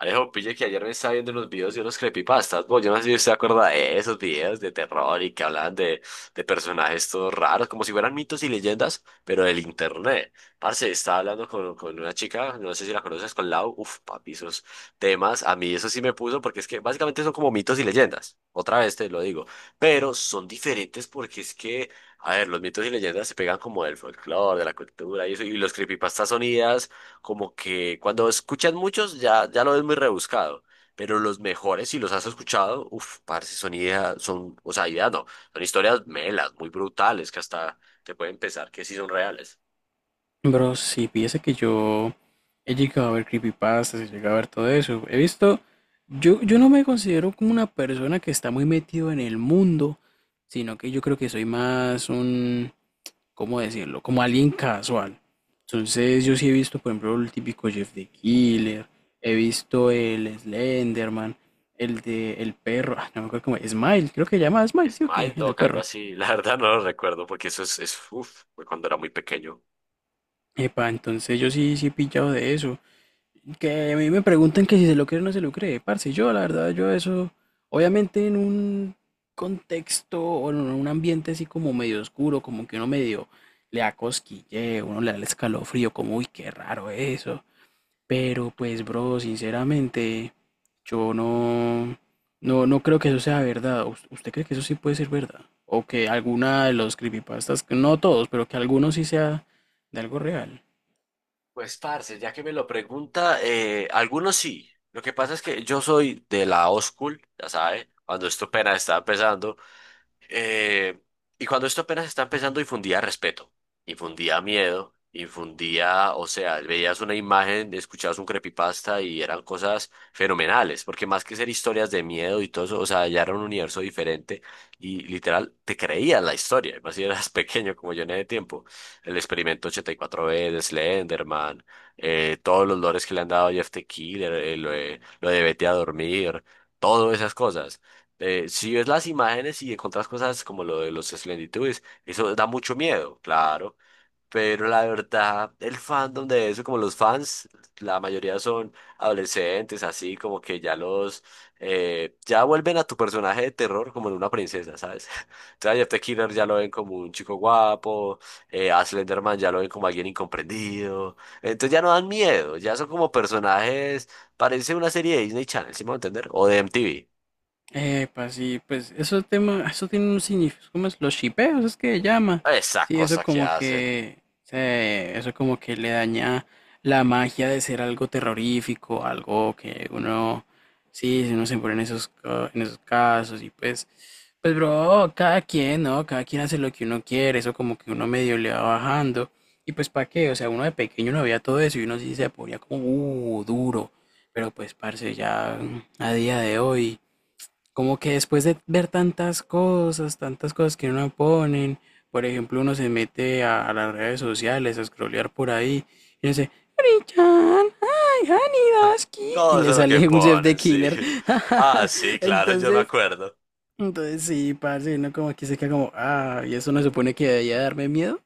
Alejo, pille que ayer me estaba viendo unos videos de unos creepypastas. Bueno, yo no sé si usted se acuerda de esos videos de terror y que hablaban de personajes todos raros, como si fueran mitos y leyendas, pero del internet. Parce, estaba hablando con una chica, no sé si la conoces, con Lau. Uf, papi, esos temas, a mí eso sí me puso, porque es que básicamente son como mitos y leyendas. Otra vez te lo digo. Pero son diferentes porque es que, a ver, los mitos y leyendas se pegan como del folclore, de la cultura y eso, y los creepypastas son ideas como que cuando escuchas muchos ya, ya lo ves muy rebuscado, pero los mejores, si los has escuchado, uff, parce, son ideas, son, o sea, ideas no, son historias melas, muy brutales, que hasta te pueden pensar que sí son reales. Bro, sí. Piensa que yo he llegado a ver creepypastas, he llegado a ver todo eso. He visto, yo no me considero como una persona que está muy metido en el mundo, sino que yo creo que soy más un, ¿cómo decirlo? Como alguien casual. Entonces, yo sí he visto, por ejemplo, el típico Jeff the Killer, he visto el Slenderman, el de el perro, ah, no me acuerdo cómo, Smile, creo que se llama Smile, ¿sí o qué? Smile El del Dog, algo perro. así, la verdad no lo recuerdo porque eso es uff, fue cuando era muy pequeño. Epa, entonces yo sí, sí he pillado de eso. Que a mí me preguntan que si se lo cree o no se lo cree, parce. Yo, la verdad, yo eso, obviamente en un contexto o en un ambiente así como medio oscuro, como que uno medio le da cosquilleo, uno le da el escalofrío, como, uy, qué raro eso. Pero pues, bro, sinceramente, yo no, no, creo que eso sea verdad. Usted cree que eso sí puede ser verdad? O que alguna de los creepypastas, no todos, pero que alguno sí sea de algo real. Pues, parce, ya que me lo pregunta, algunos sí. Lo que pasa es que yo soy de la old school, ya sabe, cuando esto apenas estaba empezando. Eh, y cuando esto apenas está empezando, infundía respeto, infundía miedo, infundía, o sea, veías una imagen, escuchabas un creepypasta y eran cosas fenomenales, porque más que ser historias de miedo y todo eso, o sea, ya era un universo diferente y literal te creías la historia, más si eras pequeño como yo en ese tiempo. El experimento 84 b de Slenderman, todos los lores que le han dado a Jeff the Killer, lo de vete a dormir, todas esas cosas si ves las imágenes y encuentras cosas como lo de los Slendytubbies, eso da mucho miedo, claro. Pero la verdad, el fandom de eso, como los fans, la mayoría son adolescentes, así como que ya vuelven a tu personaje de terror como en una princesa, ¿sabes? Entonces a Jeff the Killer ya lo ven como un chico guapo, a Slenderman ya lo ven como alguien incomprendido. Entonces ya no dan miedo, ya son como personajes, parece una serie de Disney Channel, ¿sí me voy a entender? O de MTV. Pues sí, pues eso tema, eso tiene un significado, ¿cómo es? Los shipeos, es que llama. Esas Sí, eso cosas que como hacen. que se, eso como que le daña la magia de ser algo terrorífico, algo que uno, sí, si uno se pone en esos, en esos casos y pues, pues bro, cada quien, ¿no? Cada quien hace lo que uno quiere, eso como que uno medio le va bajando. Y pues ¿para qué? O sea, uno de pequeño no veía todo eso y uno sí se ponía como, duro. Pero pues, parce, ya a día de hoy. Como que después de ver tantas cosas que uno ponen, por ejemplo, uno se mete a las redes sociales a scrollear por ahí y dice, Richard, ay, Hanidaski, y Todo eso le es lo que sale un Jeff the ponen, sí. Killer. Ah, sí, claro, yo me Entonces, acuerdo. entonces sí, parce, uno como que se queda como, ah, y eso no supone que debería darme miedo.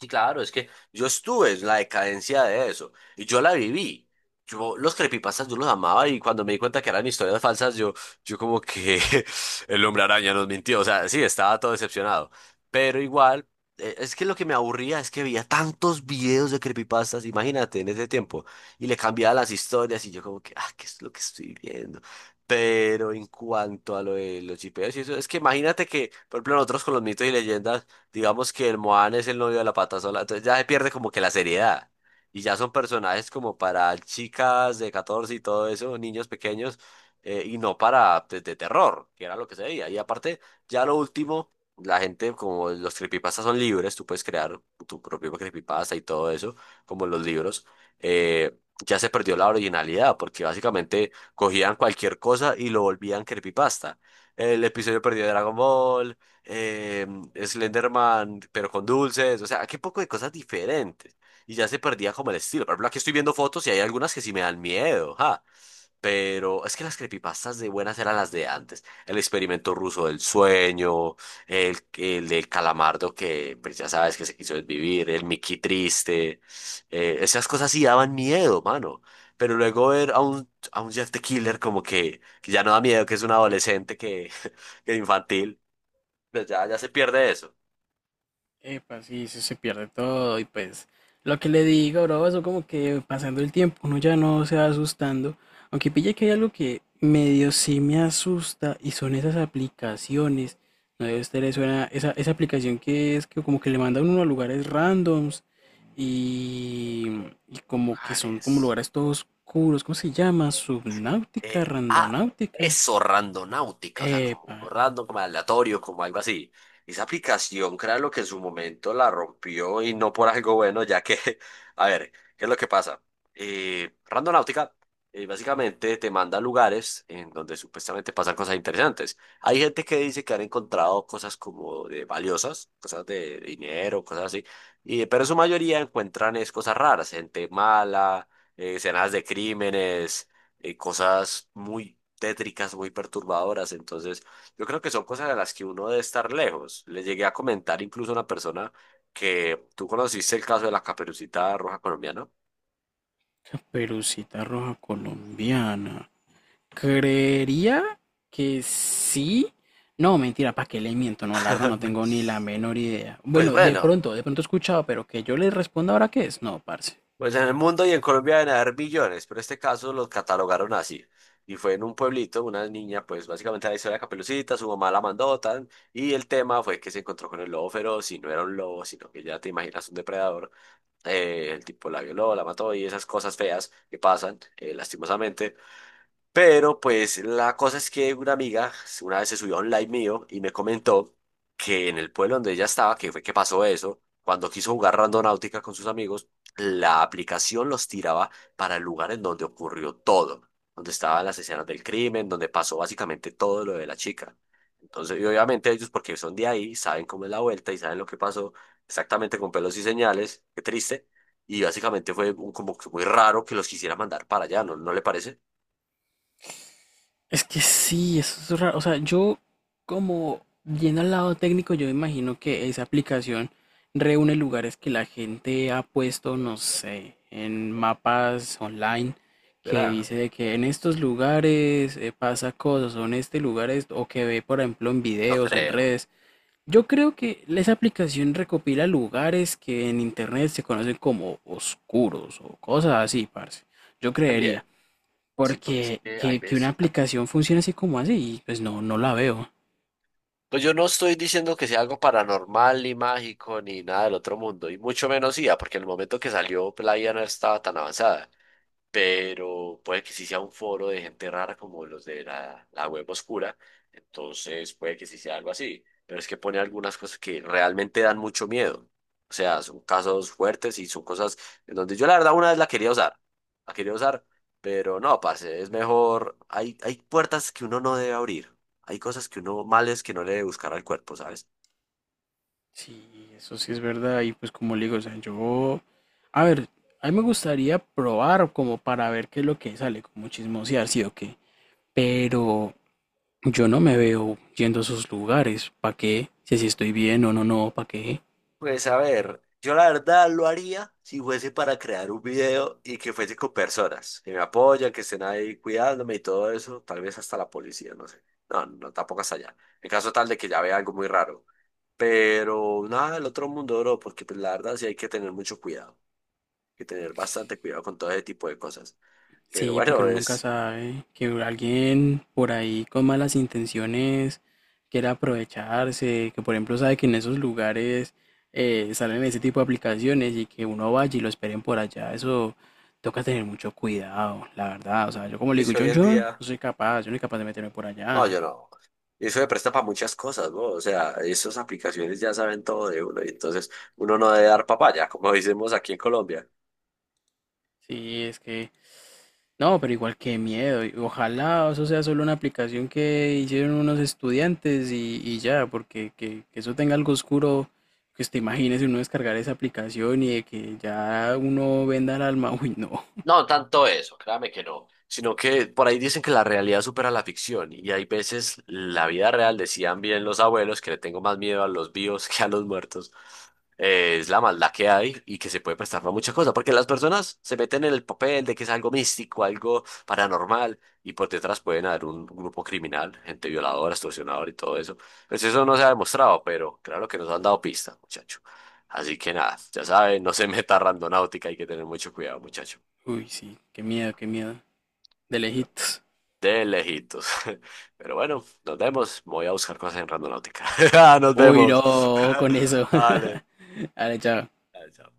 Sí, claro, es que yo estuve en la decadencia de eso y yo la viví. Yo los creepypastas yo los amaba y cuando me di cuenta que eran historias falsas, yo como que el hombre araña nos mintió. O sea, sí, estaba todo decepcionado. Pero igual, es que lo que me aburría es que veía tantos videos de creepypastas, imagínate, en ese tiempo, y le cambiaba las historias y yo como que, ah, ¿qué es lo que estoy viendo? Pero en cuanto a lo de los chipeos y eso, es que imagínate que, por ejemplo, nosotros con los mitos y leyendas digamos que el Moan es el novio de la pata sola, entonces ya se pierde como que la seriedad. Y ya son personajes como para chicas de 14 y todo eso, niños pequeños, y no para pues, terror, que era lo que se veía. Y aparte, ya lo último, la gente, como los creepypastas son libres, tú puedes crear tu propio creepypasta y todo eso, como los libros, eh, ya se perdió la originalidad, porque básicamente cogían cualquier cosa y lo volvían creepypasta. El episodio perdido de Dragon Ball, eh, Slenderman, pero con dulces, o sea, qué poco de cosas diferentes. Y ya se perdía como el estilo. Por ejemplo, aquí estoy viendo fotos y hay algunas que sí me dan miedo, ja. Pero es que las creepypastas de buenas eran las de antes. El experimento ruso del sueño, el del calamardo que pues ya sabes que se quiso desvivir, el Mickey triste. Esas cosas sí daban miedo, mano. Pero luego ver a un Jeff the Killer como que ya no da miedo, que es un adolescente que, que infantil. Pero ya, ya se pierde eso. Epa, sí, sí se pierde todo y pues lo que le digo, bro, eso como que pasando el tiempo uno ya no se va asustando, aunque pille que hay algo que medio sí me asusta y son esas aplicaciones, no debe estar eso, esa aplicación que es que como que le mandan uno a lugares randoms y, y como que son como Lugares. lugares todos oscuros, ¿cómo se llama? Subnáutica, Eh, ah, randonáutica. eso, randonáutica, o sea, como Epa, random, como aleatorio, como algo así. Esa aplicación, lo que en su momento la rompió y no por algo bueno, ya que, a ver, ¿qué es lo que pasa? Randonáutica, básicamente te manda a lugares en donde supuestamente pasan cosas interesantes. Hay gente que dice que han encontrado cosas como de valiosas, cosas de dinero, cosas así, pero en su mayoría encuentran es cosas raras, gente mala, escenas de crímenes, cosas muy tétricas, muy perturbadoras. Entonces, yo creo que son cosas de las que uno debe estar lejos. Le llegué a comentar incluso a una persona que tú conociste el caso de la Caperucita Roja colombiana. caperucita roja colombiana. Creería que sí. No, mentira, ¿para qué le miento? No, la verdad no tengo ni la menor idea. Pues Bueno, bueno, de pronto he escuchado, pero que yo le responda ahora qué es. No, parce. pues en el mundo y en Colombia deben haber billones, pero este caso lo catalogaron así. Y fue en un pueblito, una niña, pues básicamente la historia de la Caperucita, su mamá la mandó, tan, y el tema fue que se encontró con el lobo feroz, y no era un lobo, sino que ya te imaginas un depredador. El tipo la violó, la mató y esas cosas feas que pasan, lastimosamente. Pero pues la cosa es que una amiga una vez se subió a un live mío y me comentó que en el pueblo donde ella estaba, que fue que pasó eso, cuando quiso jugar Randonáutica con sus amigos, la aplicación los tiraba para el lugar en donde ocurrió todo, donde estaban las escenas del crimen, donde pasó básicamente todo lo de la chica. Entonces, y obviamente ellos, porque son de ahí, saben cómo es la vuelta y saben lo que pasó exactamente con pelos y señales, qué triste. Y básicamente fue como que muy raro que los quisiera mandar para allá, ¿no le parece? Es que sí, eso es raro. O sea, yo como yendo al lado técnico, yo me imagino que esa aplicación reúne lugares que la gente ha puesto, no sé, en mapas online que Verá. dice de que en estos lugares pasa cosas, o en este lugar esto, o que ve, por ejemplo, en No videos o en creo. redes. Yo creo que esa aplicación recopila lugares que en internet se conocen como oscuros o cosas así, parce. Yo También. creería, Sí, porque es porque que hay que una veces. aplicación funcione así como así, pues no, no la veo. Pues yo no estoy diciendo que sea algo paranormal, ni mágico, ni nada del otro mundo, y mucho menos IA, porque en el momento que salió, pues, la IA no estaba tan avanzada. Pero puede que sí sea un foro de gente rara como los de la web oscura, entonces puede que sí sea algo así, pero es que pone algunas cosas que realmente dan mucho miedo, o sea, son casos fuertes y son cosas en donde yo la verdad una vez la quería usar, pero no, parce, es mejor, hay puertas que uno no debe abrir, hay cosas que uno males que no le debe buscar al cuerpo, ¿sabes? Sí, eso sí es verdad. Y pues como le digo, o sea, yo, a ver, a mí me gustaría probar como para ver qué es lo que sale, como chismosear, sí o qué. Pero yo no me veo yendo a esos lugares. ¿Para qué? Si así estoy bien o no, no, ¿para qué? Pues a ver, yo la verdad lo haría si fuese para crear un video y que fuese con personas que me apoyan, que estén ahí cuidándome y todo eso, tal vez hasta la policía, no sé. No, no, tampoco hasta allá. En caso tal de que ya vea algo muy raro. Pero nada del otro mundo, bro, porque pues, la verdad sí hay que tener mucho cuidado, hay que tener bastante cuidado con todo ese tipo de cosas. Pero Sí, porque bueno, uno nunca es, sabe que alguien por ahí con malas intenciones quiera aprovecharse, que por ejemplo sabe que en esos lugares salen ese tipo de aplicaciones y que uno vaya y lo esperen por allá, eso toca tener mucho cuidado, la verdad. O sea, yo como le es digo, que yo, hoy en yo no día. soy capaz, yo no soy capaz de meterme por No, yo allá. no. Eso se presta para muchas cosas, ¿no? O sea, esas aplicaciones ya saben todo de uno y entonces uno no debe dar papaya, como decimos aquí en Colombia. Sí, es que no, pero igual qué miedo. Y ojalá eso sea solo una aplicación que hicieron unos estudiantes y ya, porque que eso tenga algo oscuro, que te imagines uno descargar esa aplicación y de que ya uno venda el alma. Uy, no. No, no tanto eso, créame que no, sino que por ahí dicen que la realidad supera la ficción y hay veces la vida real, decían bien los abuelos, que le tengo más miedo a los vivos que a los muertos, es la maldad que hay y que se puede prestar para muchas cosas, porque las personas se meten en el papel de que es algo místico, algo paranormal y por detrás pueden haber un grupo criminal, gente violadora, extorsionadora y todo eso. Pues eso no se ha demostrado, pero claro que nos han dado pistas, muchacho. Así que nada, ya saben, no se meta a Randonáutica, hay que tener mucho cuidado, muchacho. Uy, sí, qué miedo, qué miedo. De lejitos. De lejitos. Pero bueno, nos vemos. Voy a buscar cosas en Randonáutica. Nos Uy, vemos. no, con eso. Vale. Dale, chao. Chao.